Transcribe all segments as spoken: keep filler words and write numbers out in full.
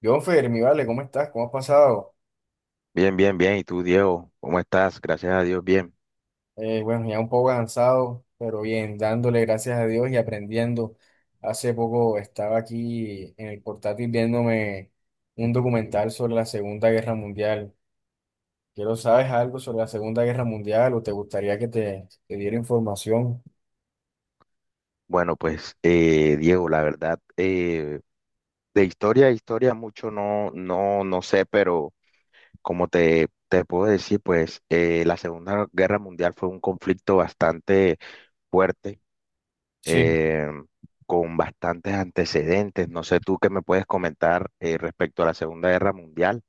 Yo, Fermi, vale, ¿cómo estás? ¿Cómo has pasado? Bien, bien, bien. ¿Y tú, Diego? ¿Cómo estás? Gracias a Dios, bien. Eh, bueno, ya un poco cansado, pero bien, dándole gracias a Dios y aprendiendo. Hace poco estaba aquí en el portátil viéndome un documental sobre la Segunda Guerra Mundial. Quiero, ¿sabes algo sobre la Segunda Guerra Mundial o te gustaría que te, te diera información? Bueno, pues, eh, Diego, la verdad, eh, de historia a historia mucho no, no, no sé, pero como te, te puedo decir, pues, eh, la Segunda Guerra Mundial fue un conflicto bastante fuerte, Sí. eh, con bastantes antecedentes. No sé tú qué me puedes comentar, eh, respecto a la Segunda Guerra Mundial.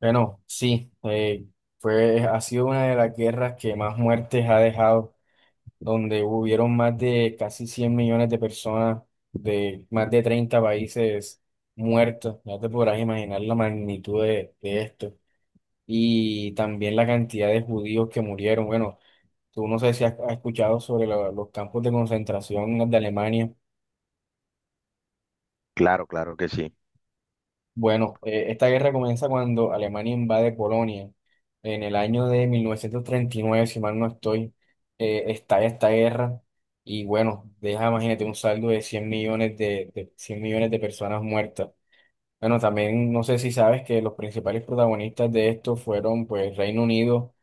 Bueno, sí, eh, fue, ha sido una de las guerras que más muertes ha dejado, donde hubieron más de casi cien millones de personas de más de treinta países muertos. Ya te podrás imaginar la magnitud de, de esto. Y también la cantidad de judíos que murieron. Bueno, tú no sé si has, has escuchado sobre lo- los campos de concentración de Alemania. Claro, claro que sí, Bueno, eh, esta guerra comienza cuando Alemania invade Polonia. En el año de mil novecientos treinta y nueve, si mal no estoy, eh, estalla esta guerra y bueno, deja, imagínate, un saldo de cien millones de, de cien millones de personas muertas. Bueno, también no sé si sabes que los principales protagonistas de esto fueron pues Reino Unido,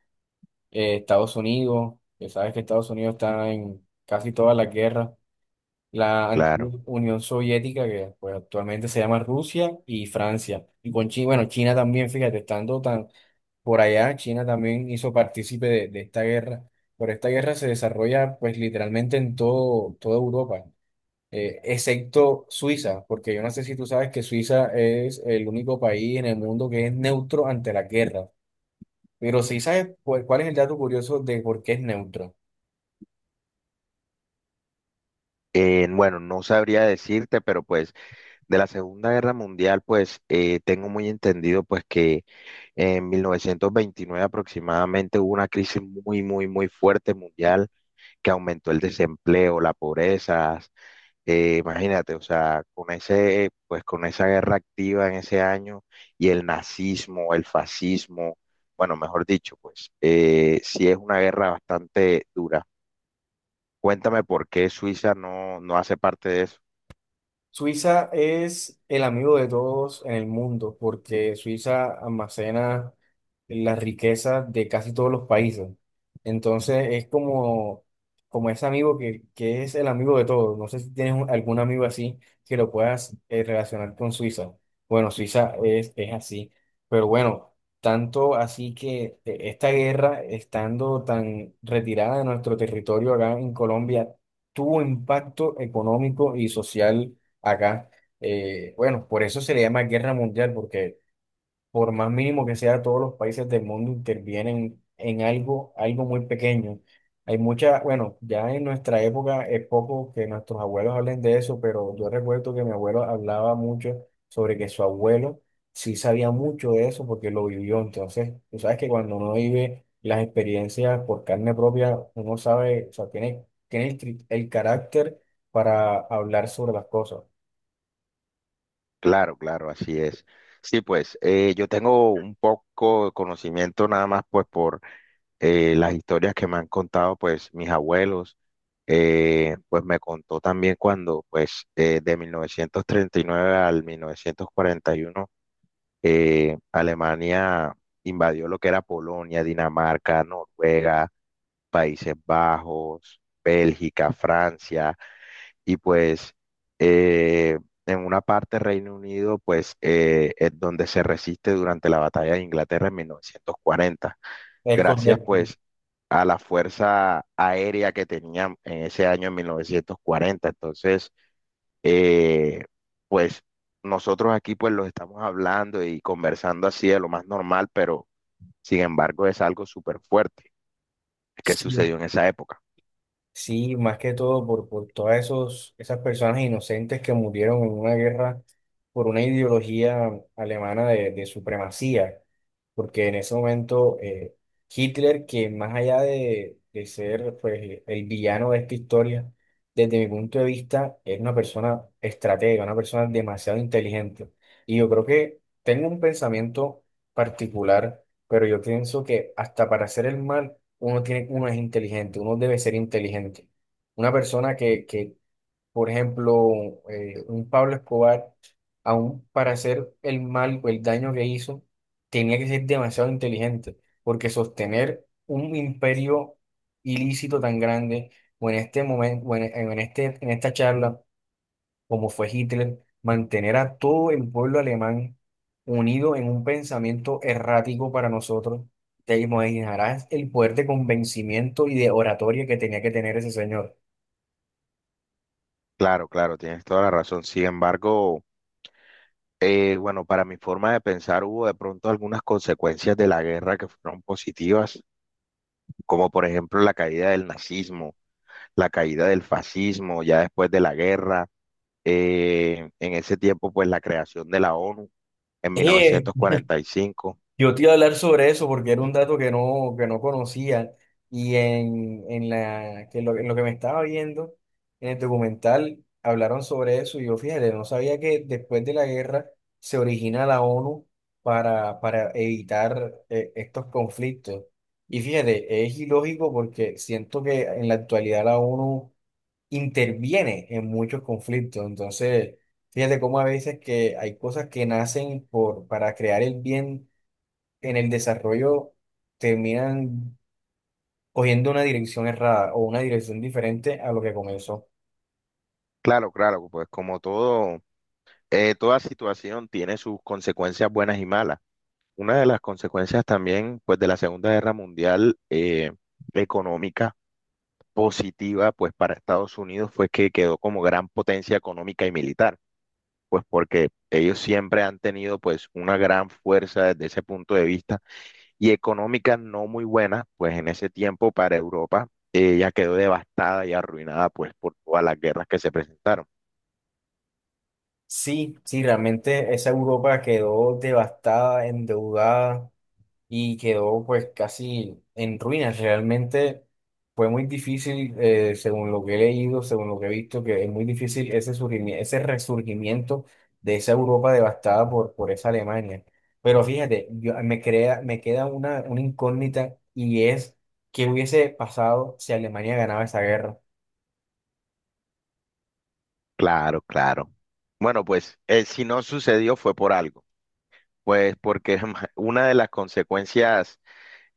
eh, Estados Unidos, que sabes que Estados Unidos está en casi todas las guerras, la antigua claro. Unión Soviética, que pues actualmente se llama Rusia, y Francia. Y con China, bueno, China también, fíjate, estando tan por allá, China también hizo partícipe de, de esta guerra. Pero esta guerra se desarrolla pues literalmente en todo, toda Europa, eh, excepto Suiza, porque yo no sé si tú sabes que Suiza es el único país en el mundo que es neutro ante la guerra. Pero sí sabes pues cuál es el dato curioso de por qué es neutro. Eh, bueno, no sabría decirte, pero pues, de la Segunda Guerra Mundial, pues eh, tengo muy entendido pues que en mil novecientos veintinueve aproximadamente hubo una crisis muy, muy, muy fuerte mundial que aumentó el desempleo, la pobreza. Eh, imagínate, o sea, con ese, pues con esa guerra activa en ese año y el nazismo, el fascismo, bueno, mejor dicho, pues eh, sí es una guerra bastante dura. Cuéntame por qué Suiza no, no hace parte de eso. Suiza es el amigo de todos en el mundo porque Suiza almacena las riquezas de casi todos los países. Entonces es como como ese amigo que, que es el amigo de todos. No sé si tienes un- algún amigo así que lo puedas eh, relacionar con Suiza. Bueno, Suiza es, es así. Pero bueno, tanto así que eh, esta guerra, estando tan retirada de nuestro territorio acá en Colombia, tuvo impacto económico y social acá. Eh, bueno, por eso se le llama guerra mundial, porque por más mínimo que sea, todos los países del mundo intervienen en algo, algo muy pequeño. Hay mucha, bueno, ya en nuestra época es poco que nuestros abuelos hablen de eso, pero yo recuerdo que mi abuelo hablaba mucho sobre que su abuelo sí sabía mucho de eso porque lo vivió. Entonces, tú sabes que cuando uno vive las experiencias por carne propia, uno sabe, o sea, tiene, tiene el, tri- el carácter para hablar sobre las cosas. Claro, claro, así es. Sí, pues eh, yo tengo un poco de conocimiento nada más pues por eh, las historias que me han contado pues mis abuelos. Eh, pues me contó también cuando pues eh, de mil novecientos treinta y nueve al mil novecientos cuarenta y uno eh, Alemania invadió lo que era Polonia, Dinamarca, Noruega, Países Bajos, Bélgica, Francia y pues eh, en una parte Reino Unido pues eh, es donde se resiste durante la batalla de Inglaterra en mil novecientos cuarenta, Es gracias correcto. pues a la fuerza aérea que tenían en ese año en mil novecientos cuarenta. Entonces, eh, pues nosotros aquí pues los estamos hablando y conversando así de lo más normal, pero sin embargo es algo súper fuerte que Sí, sucedió en esa época. sí, más que todo por, por todas esos, esas personas inocentes que murieron en una guerra por una ideología alemana de, de supremacía, porque en ese momento eh, Hitler, que más allá de, de ser pues el villano de esta historia, desde mi punto de vista, es una persona estratega, una persona demasiado inteligente. Y yo creo que tengo un pensamiento particular. Pero yo pienso que hasta para hacer el mal, uno tiene, uno es inteligente, uno debe ser inteligente. Una persona que, que, por ejemplo, eh, un Pablo Escobar, aún para hacer el mal o el daño que hizo, tenía que ser demasiado inteligente, porque sostener un imperio ilícito tan grande, o en este momento, o en en este, en esta charla, como fue Hitler, mantener a todo el pueblo alemán unido en un pensamiento errático para nosotros, te imaginarás el poder de convencimiento y de oratoria que tenía que tener ese señor. Claro, claro, tienes toda la razón. Sin embargo, Eh, bueno, para mi forma de pensar hubo de pronto algunas consecuencias de la guerra que fueron positivas, como por ejemplo la caída del nazismo, la caída del fascismo ya después de la guerra, eh, en ese tiempo pues la creación de la ONU en mil novecientos cuarenta y cinco. Yo te iba a hablar sobre eso porque era un dato que no, que no conocía y en, en la, que lo, en lo que me estaba viendo en el documental hablaron sobre eso y yo, fíjate, no sabía que después de la guerra se origina la ONU para, para evitar eh, estos conflictos. Y fíjate, es ilógico porque siento que en la actualidad la ONU interviene en muchos conflictos, entonces... Fíjate cómo a veces que hay cosas que nacen por, para crear el bien en el desarrollo terminan cogiendo una dirección errada o una dirección diferente a lo que comenzó. Claro, claro, pues como todo, eh, toda situación tiene sus consecuencias buenas y malas. Una de las consecuencias también pues de la Segunda Guerra Mundial económicas positiva pues para Estados Unidos fue que quedó como gran potencia económica y militar, pues porque ellos siempre han tenido pues una gran fuerza desde ese punto de vista y económica no muy buena, pues en ese tiempo para Europa eh, ya quedó devastada y arruinada pues por todas las guerras que se presentaron. Sí, sí, realmente esa Europa quedó devastada, endeudada, y quedó pues casi en ruinas. Realmente fue muy difícil, eh, según lo que he leído, según lo que he visto, que es muy difícil ese surgimi- ese resurgimiento de esa Europa devastada por, por esa Alemania. Pero fíjate, yo, me crea, me queda una, una incógnita, y es qué hubiese pasado si Alemania ganaba esa guerra. Claro, claro. Bueno, pues eh, si no sucedió fue por algo, pues porque una de las consecuencias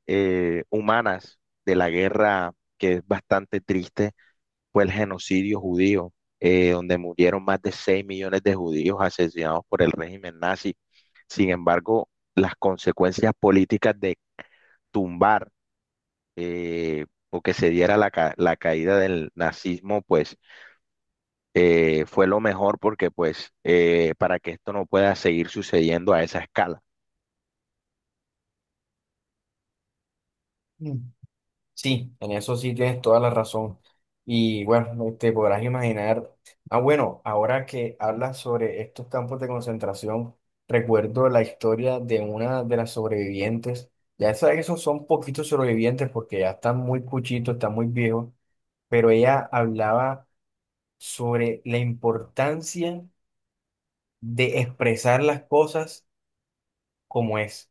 eh, humanas de la guerra, que es bastante triste, fue el genocidio judío, eh, donde murieron más de seis millones de judíos asesinados por el régimen nazi. Sin embargo, las consecuencias políticas de tumbar eh, o que se diera la, ca- la caída del nazismo, pues eh, fue lo mejor porque pues eh, para que esto no pueda seguir sucediendo a esa escala. Sí, en eso sí tienes toda la razón. Y bueno, te podrás imaginar. Ah, bueno, ahora que hablas sobre estos campos de concentración, recuerdo la historia de una de las sobrevivientes. Ya sabes que esos son poquitos sobrevivientes porque ya están muy cuchitos, están muy viejos, pero ella hablaba sobre la importancia de expresar las cosas como es.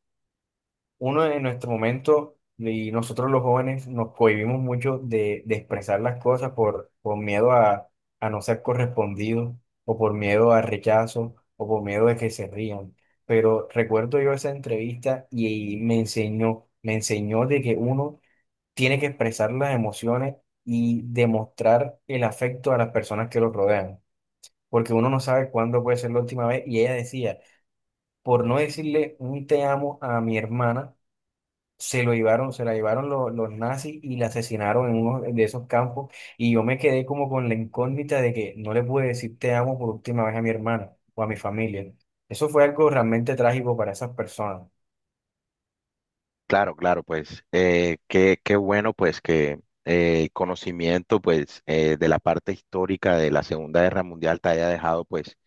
Uno en nuestro momento, y nosotros los jóvenes nos cohibimos mucho de, de expresar las cosas por, por miedo a, a no ser correspondido, o por miedo al rechazo, o por miedo de que se rían. Pero recuerdo yo esa entrevista y, y me enseñó, me enseñó de que uno tiene que expresar las emociones y demostrar el afecto a las personas que lo rodean, porque uno no sabe cuándo puede ser la última vez. Y ella decía, por no decirle un te amo a mi hermana, se lo llevaron, se la llevaron lo- los nazis y la asesinaron en uno de esos campos, y yo me quedé como con la incógnita de que no le pude decir te amo por última vez a mi hermana o a mi familia. Eso fue algo realmente trágico para esas personas. Claro, claro, pues eh, qué, qué bueno pues que eh, conocimiento pues eh, de la parte histórica de la Segunda Guerra Mundial te haya dejado pues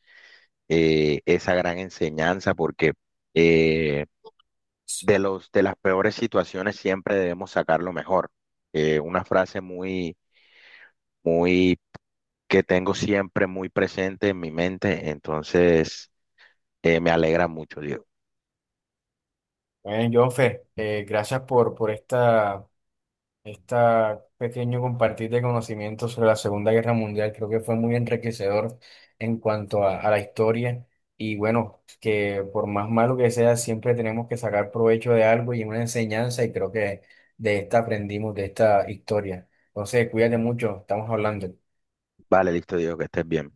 eh, esa gran enseñanza porque eh, de los, de las peores situaciones siempre debemos sacar lo mejor. Eh, una frase muy, muy que tengo siempre muy presente en mi mente, entonces eh, me alegra mucho, Dios. Bueno, Jonfer, eh, gracias por, por esta... Este pequeño compartir de conocimientos sobre la Segunda Guerra Mundial creo que fue muy enriquecedor en cuanto a, a la historia y bueno, que por más malo que sea, siempre tenemos que sacar provecho de algo y una enseñanza y creo que de esta aprendimos, de esta historia. Entonces, cuídate mucho, estamos hablando. Vale, listo, Dios, que estés bien.